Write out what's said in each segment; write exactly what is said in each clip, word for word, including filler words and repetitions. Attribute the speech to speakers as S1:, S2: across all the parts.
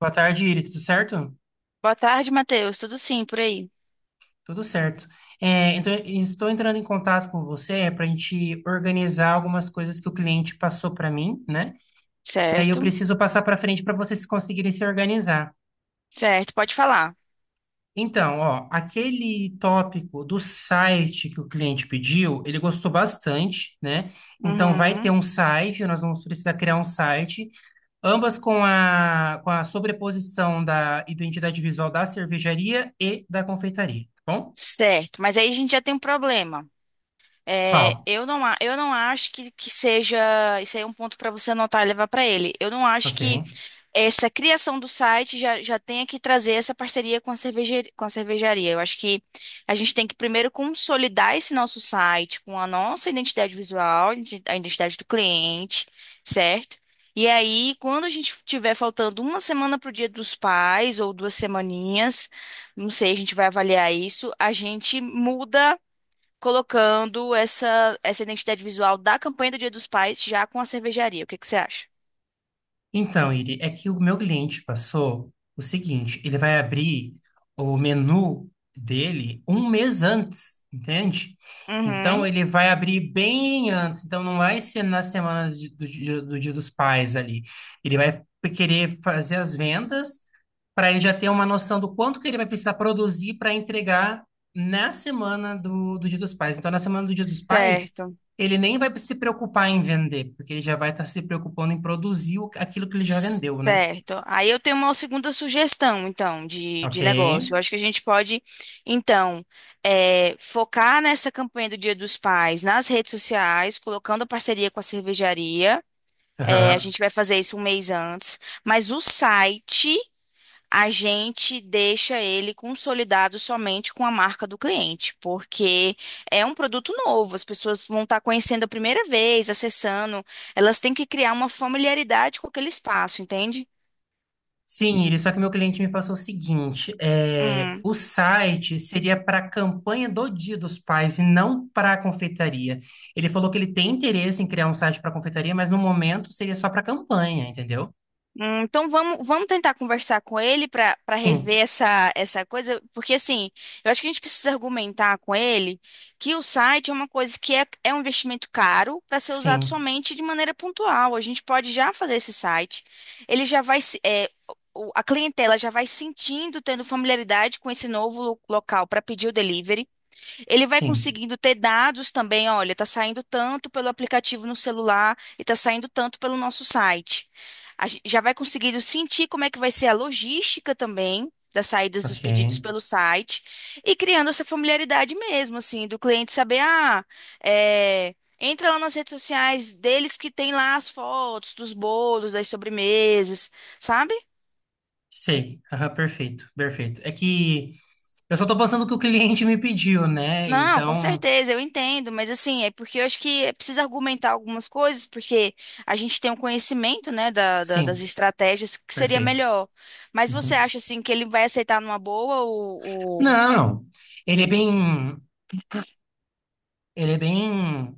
S1: Boa tarde, Iri. Tudo certo?
S2: Boa tarde, Matheus. Tudo sim por aí?
S1: Tudo certo. É, então, estou entrando em contato com você para a gente organizar algumas coisas que o cliente passou para mim, né? E aí eu
S2: Certo?
S1: preciso passar para frente para vocês conseguirem se organizar.
S2: Certo, pode falar.
S1: Então, ó, aquele tópico do site que o cliente pediu, ele gostou bastante, né? Então, vai ter
S2: Uhum.
S1: um site, nós vamos precisar criar um site, ambas com a, com a sobreposição da identidade visual da cervejaria e da confeitaria, tá bom?
S2: Certo, mas aí a gente já tem um problema. É,
S1: Qual?
S2: eu não, a- eu não acho que, que seja. Isso aí é um ponto para você anotar e levar para ele. Eu não acho que
S1: Ok.
S2: essa criação do site já, já tenha que trazer essa parceria com a cerveje- com a cervejaria. Eu acho que a gente tem que primeiro consolidar esse nosso site com a nossa identidade visual, identi- a identidade do cliente, certo? E aí, quando a gente tiver faltando uma semana para o Dia dos Pais, ou duas semaninhas, não sei, a gente vai avaliar isso, a gente muda colocando essa, essa identidade visual da campanha do Dia dos Pais já com a cervejaria. O que que você acha?
S1: Então, Iri, é que o meu cliente passou o seguinte: ele vai abrir o menu dele um mês antes, entende? Então,
S2: Uhum,
S1: ele vai abrir bem antes. Então, não vai ser na semana de- do, dia do Dia dos Pais ali. Ele vai querer fazer as vendas para ele já ter uma noção do quanto que ele vai precisar produzir para entregar na semana do, do Dia dos Pais. Então, na semana do Dia dos Pais.
S2: certo.
S1: Ele nem vai se preocupar em vender, porque ele já vai estar se preocupando em produzir o- aquilo que ele já vendeu, né?
S2: Certo. Aí eu tenho uma segunda sugestão, então, de,
S1: Ok.
S2: de negócio. Eu acho que a gente pode, então, eh, focar nessa campanha do Dia dos Pais nas redes sociais, colocando a parceria com a cervejaria. Eh, a
S1: Aham.
S2: gente vai fazer isso um mês antes. Mas o site, a gente deixa ele consolidado somente com a marca do cliente, porque é um produto novo. As pessoas vão estar conhecendo a primeira vez, acessando. Elas têm que criar uma familiaridade com aquele espaço, entende?
S1: Sim, ele, só que meu cliente me passou o seguinte: é,
S2: Hum.
S1: o site seria para a campanha do Dia dos Pais e não para a confeitaria. Ele falou que ele tem interesse em criar um site para a confeitaria, mas no momento seria só para a campanha, entendeu?
S2: Hum, Então vamos, vamos tentar conversar com ele para para
S1: Sim,
S2: rever essa, essa coisa, porque assim, eu acho que a gente precisa argumentar com ele que o site é uma coisa que é, é um investimento caro para ser usado
S1: sim,
S2: somente de maneira pontual. A gente pode já fazer esse site, ele já vai, se- é, o- a clientela já vai sentindo, tendo familiaridade com esse novo lo- local para pedir o delivery. Ele vai
S1: sim.
S2: conseguindo ter dados também, olha, tá saindo tanto pelo aplicativo no celular e tá saindo tanto pelo nosso site. A gen- já vai conseguindo sentir como é que vai ser a logística também das saídas dos
S1: Ok.
S2: pedidos pelo site e criando essa familiaridade mesmo, assim, do cliente saber, ah, é, entra lá nas redes sociais deles que tem lá as fotos dos bolos, das sobremesas, sabe?
S1: Sei, aham, perfeito, perfeito. É que eu só tô passando o que o cliente me pediu, né?
S2: Não, com
S1: Então,
S2: certeza, eu entendo, mas assim, é porque eu acho que é preciso argumentar algumas coisas, porque a gente tem um conhecimento, né, da, da- das
S1: sim,
S2: estratégias que seria
S1: perfeito.
S2: melhor. Mas você
S1: Uhum.
S2: acha, assim, que ele vai aceitar numa boa o... o-
S1: Não, ele é bem, ele é bem,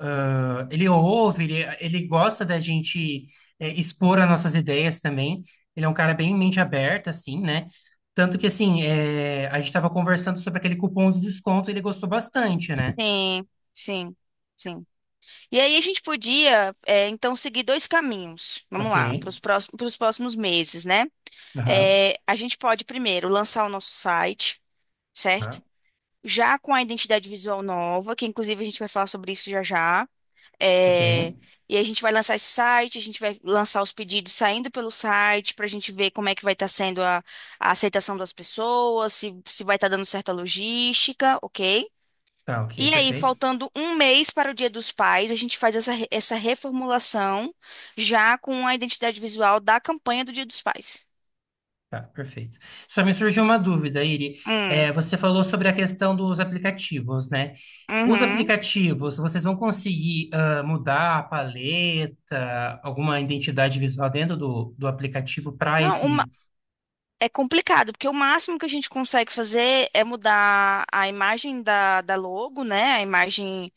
S1: ah, ele ouve, ele, ele gosta da gente eh, expor as nossas ideias também. Ele é um cara bem mente aberta, assim, né? Tanto que, assim, eh, a gente estava conversando sobre aquele cupom de desconto, ele gostou bastante, né?
S2: Sim, sim, sim. E aí a gente podia, é, então, seguir dois caminhos, vamos
S1: Ok,
S2: lá, para os próximos, para os próximos meses, né?
S1: aham,
S2: É, a gente pode, primeiro, lançar o nosso site, certo?
S1: tá,
S2: Já com a identidade visual nova, que inclusive a gente vai falar sobre isso já já.
S1: ok,
S2: É, e a gente vai lançar esse site, a gente vai lançar os pedidos saindo pelo site para a gente ver como é que vai estar sendo a, a aceitação das pessoas, se, se vai estar dando certa logística, ok?
S1: tá, ok,
S2: E aí,
S1: perfeito.
S2: faltando um mês para o Dia dos Pais, a gente faz essa, re- essa reformulação já com a identidade visual da campanha do Dia dos Pais.
S1: Tá, perfeito. Só me surgiu uma dúvida, Iri.
S2: Hum,
S1: É, você falou sobre a questão dos aplicativos, né? Os
S2: uhum.
S1: aplicativos, vocês vão conseguir ah, mudar a paleta, alguma identidade visual dentro do, do aplicativo para
S2: Não, uma-
S1: esse.
S2: é complicado, porque o máximo que a gente consegue fazer é mudar a imagem da, da logo, né? A imagem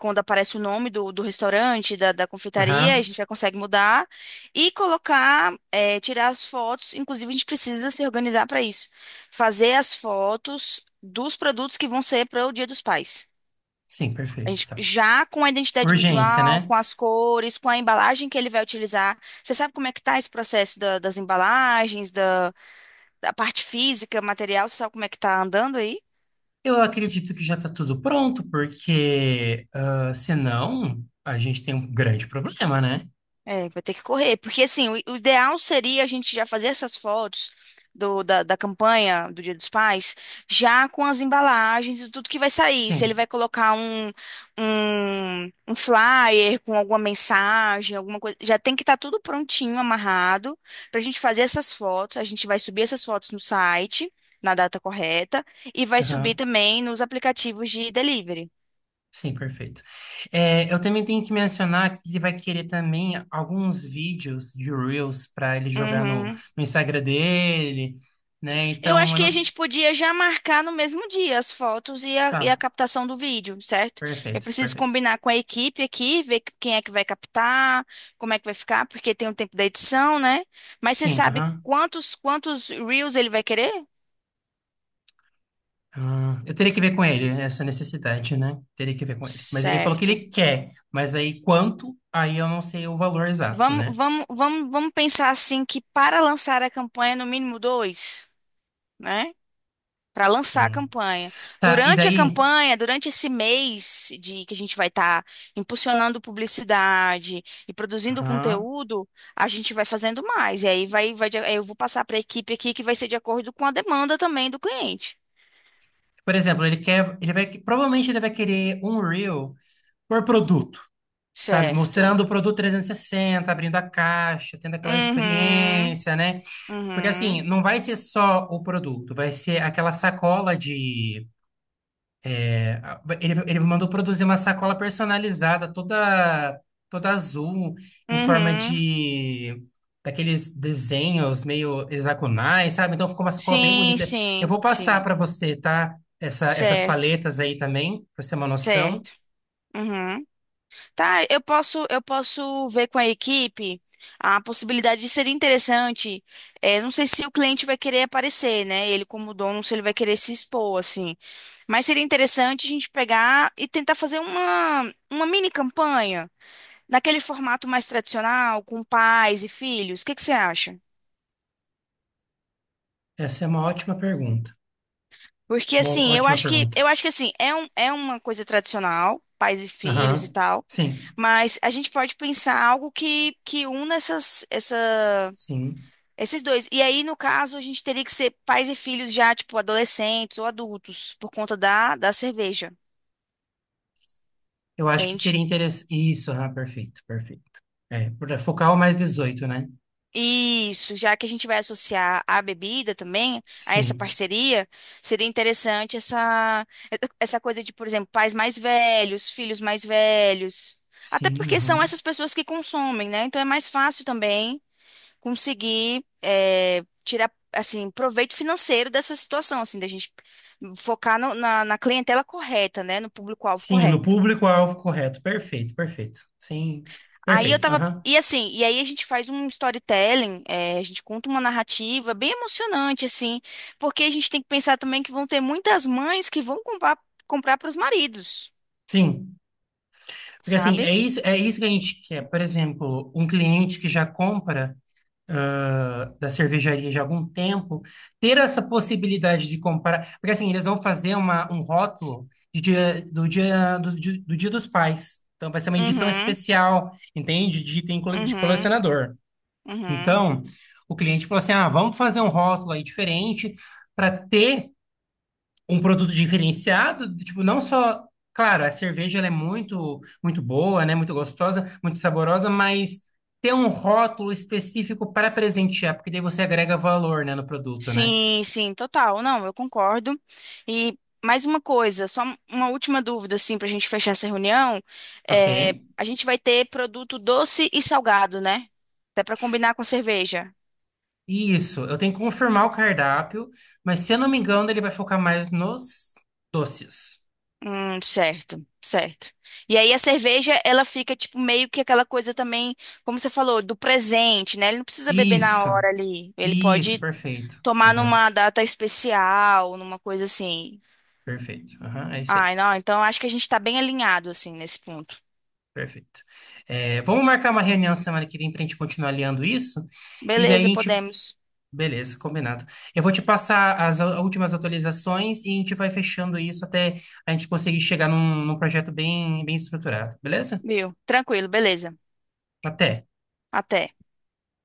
S2: quando aparece o nome do, do restaurante, da, da confeitaria, a
S1: Aham.
S2: gente já consegue mudar e colocar, é, tirar as fotos. Inclusive, a gente precisa se organizar para isso. Fazer as fotos dos produtos que vão ser para o Dia dos Pais.
S1: Sim,
S2: A
S1: perfeito,
S2: gente
S1: tá.
S2: já com a identidade
S1: Urgência,
S2: visual,
S1: né?
S2: com as cores, com a embalagem que ele vai utilizar. Você sabe como é que tá esse processo da- das embalagens, da, da parte física, material? Você sabe como é que tá andando aí?
S1: Eu acredito que já está tudo pronto, porque ah, senão a gente tem um grande problema, né?
S2: É, vai ter que correr, porque assim, o, o ideal seria a gente já fazer essas fotos do, da, da campanha do Dia dos Pais, já com as embalagens e tudo que vai sair. Se ele
S1: Sim.
S2: vai colocar um, um, um flyer com alguma mensagem, alguma coisa, já tem que estar tudo prontinho, amarrado, para a gente fazer essas fotos. A gente vai subir essas fotos no site, na data correta, e vai subir também nos aplicativos de delivery.
S1: Sim, perfeito. É, eu também tenho que mencionar que ele vai querer também alguns vídeos de Reels para ele jogar no,
S2: Uhum.
S1: no Instagram dele, né?
S2: Eu
S1: Então,
S2: acho
S1: eu
S2: que
S1: não
S2: a
S1: sei.
S2: gente podia já marcar no mesmo dia as fotos e a, e a
S1: Tá,
S2: captação do vídeo, certo? Eu
S1: perfeito,
S2: preciso
S1: perfeito.
S2: combinar com a equipe aqui, ver que- quem é que vai captar, como é que vai ficar, porque tem o tempo da edição, né? Mas você
S1: Sim,
S2: sabe
S1: aham.
S2: quantos quantos reels ele vai querer?
S1: Ah, eu teria que ver com ele essa necessidade, né? Teria que ver com ele. Mas ele falou que
S2: Certo.
S1: ele quer, mas aí quanto? Aí eu não sei o valor exato,
S2: Vamos,
S1: né?
S2: vamos, vamos, vamos pensar assim que para lançar a campanha, no mínimo dois, né? Para lançar a
S1: Sim.
S2: campanha.
S1: Tá, e
S2: Durante a
S1: daí?
S2: campanha, durante esse mês de que a gente vai estar impulsionando publicidade e produzindo
S1: Aham.
S2: conteúdo, a gente vai fazendo mais. E aí vai, vai, de- aí eu vou passar para a equipe aqui que vai ser de acordo com a demanda também do cliente.
S1: Por exemplo, ele quer, ele vai, provavelmente ele vai querer um Reel por produto. Sabe?
S2: Certo.
S1: Mostrando o produto trezentos e sessenta, abrindo a caixa, tendo aquela
S2: Uhum.
S1: experiência, né? Porque assim,
S2: Uhum.
S1: não vai ser só o produto, vai ser aquela sacola de. é, a- Ele, ele mandou produzir uma sacola personalizada, toda, toda azul, em forma
S2: Uhum.
S1: de. Daqueles desenhos meio hexagonais, sabe? Então ficou uma sacola bem
S2: Sim,
S1: bonita. Eu
S2: sim,
S1: vou passar
S2: sim.
S1: para você, tá? Essa, essas
S2: Certo.
S1: paletas aí também, para você ter uma noção.
S2: Certo. Uhum. Tá, eu posso, eu posso ver com a equipe a possibilidade de ser interessante. É, não sei se o cliente vai querer aparecer, né? Ele como dono, se ele vai querer se expor, assim. Mas seria interessante a gente pegar e tentar fazer uma, uma mini campanha naquele formato mais tradicional, com pais e filhos. O que que você acha?
S1: Essa é uma ótima pergunta.
S2: Porque
S1: Uma
S2: assim, eu
S1: ótima
S2: acho que
S1: pergunta.
S2: eu acho que assim, é um, é uma coisa tradicional, pais e filhos e
S1: Aham.
S2: tal,
S1: Sim,
S2: mas a gente pode pensar algo que que una essas essa
S1: sim.
S2: Esses dois. E aí, no caso, a gente teria que ser pais e filhos já, tipo, adolescentes ou adultos, por conta da, da cerveja,
S1: Eu acho que
S2: entende?
S1: seria interessante. Isso, ah, perfeito, perfeito. É, para focar o mais dezoito, né?
S2: Isso, já que a gente vai associar a bebida também, a essa
S1: Sim,
S2: parceria, seria interessante essa, essa coisa de, por exemplo, pais mais velhos, filhos mais velhos. Até
S1: sim,
S2: porque são
S1: aham.
S2: essas pessoas que consomem, né? Então é mais fácil também conseguir é, tirar assim proveito financeiro dessa situação, assim, da gente focar no- na, na clientela correta, né, no público-alvo
S1: Sim, no
S2: correto.
S1: público-alvo correto. Perfeito, perfeito. Sim,
S2: Aí eu
S1: perfeito,
S2: tava
S1: aham.
S2: e assim, e aí a gente faz um storytelling, é, a gente conta uma narrativa bem emocionante, assim, porque a gente tem que pensar também que vão ter muitas mães que vão comprar comprar para os maridos,
S1: Sim, porque assim, é
S2: sabe?
S1: isso, é isso que a gente quer. Por exemplo, um cliente que já compra. Ah, da cervejaria já há algum tempo, ter essa possibilidade de comprar, porque assim, eles vão fazer uma, um rótulo de dia- do dia, do, di- do Dia dos Pais. Então vai ser uma edição
S2: Uhum,
S1: especial, entende? De item cole- de
S2: uhum,
S1: colecionador.
S2: uhum.
S1: Então, o cliente falou assim: "Ah, vamos fazer um rótulo aí diferente para ter um produto diferenciado, tipo, não só, claro, a cerveja ela é muito muito boa, né, muito gostosa, muito saborosa, mas ter um rótulo específico para presentear, porque daí você agrega valor, né, no produto, né?
S2: sim, sim. Total, não, eu concordo. E mais uma coisa, só uma última dúvida, assim, para a gente fechar essa reunião. É,
S1: OK?
S2: a gente vai ter produto doce e salgado, né? Até para combinar com a cerveja.
S1: Isso, eu tenho que confirmar o cardápio, mas se eu não me engano, ele vai focar mais nos doces.
S2: Hum, certo, certo. E aí a cerveja, ela fica, tipo, meio que aquela coisa também, como você falou, do presente, né? Ele não precisa beber na
S1: Isso.
S2: hora ali. Ele
S1: Isso,
S2: pode
S1: perfeito.
S2: tomar
S1: Aham,
S2: numa data especial, numa coisa assim.
S1: perfeito. Aham, é isso aí.
S2: Ai, não, então acho que a gente tá bem alinhado, assim, nesse ponto.
S1: Perfeito. É, vamos marcar uma reunião semana que vem para a gente continuar alinhando isso. E daí a
S2: Beleza,
S1: gente
S2: podemos.
S1: Beleza, combinado. Eu vou te passar as a- últimas atualizações e a gente vai fechando isso até a gente conseguir chegar num, num projeto bem, bem estruturado, beleza?
S2: Viu? Tranquilo, beleza.
S1: Até.
S2: Até.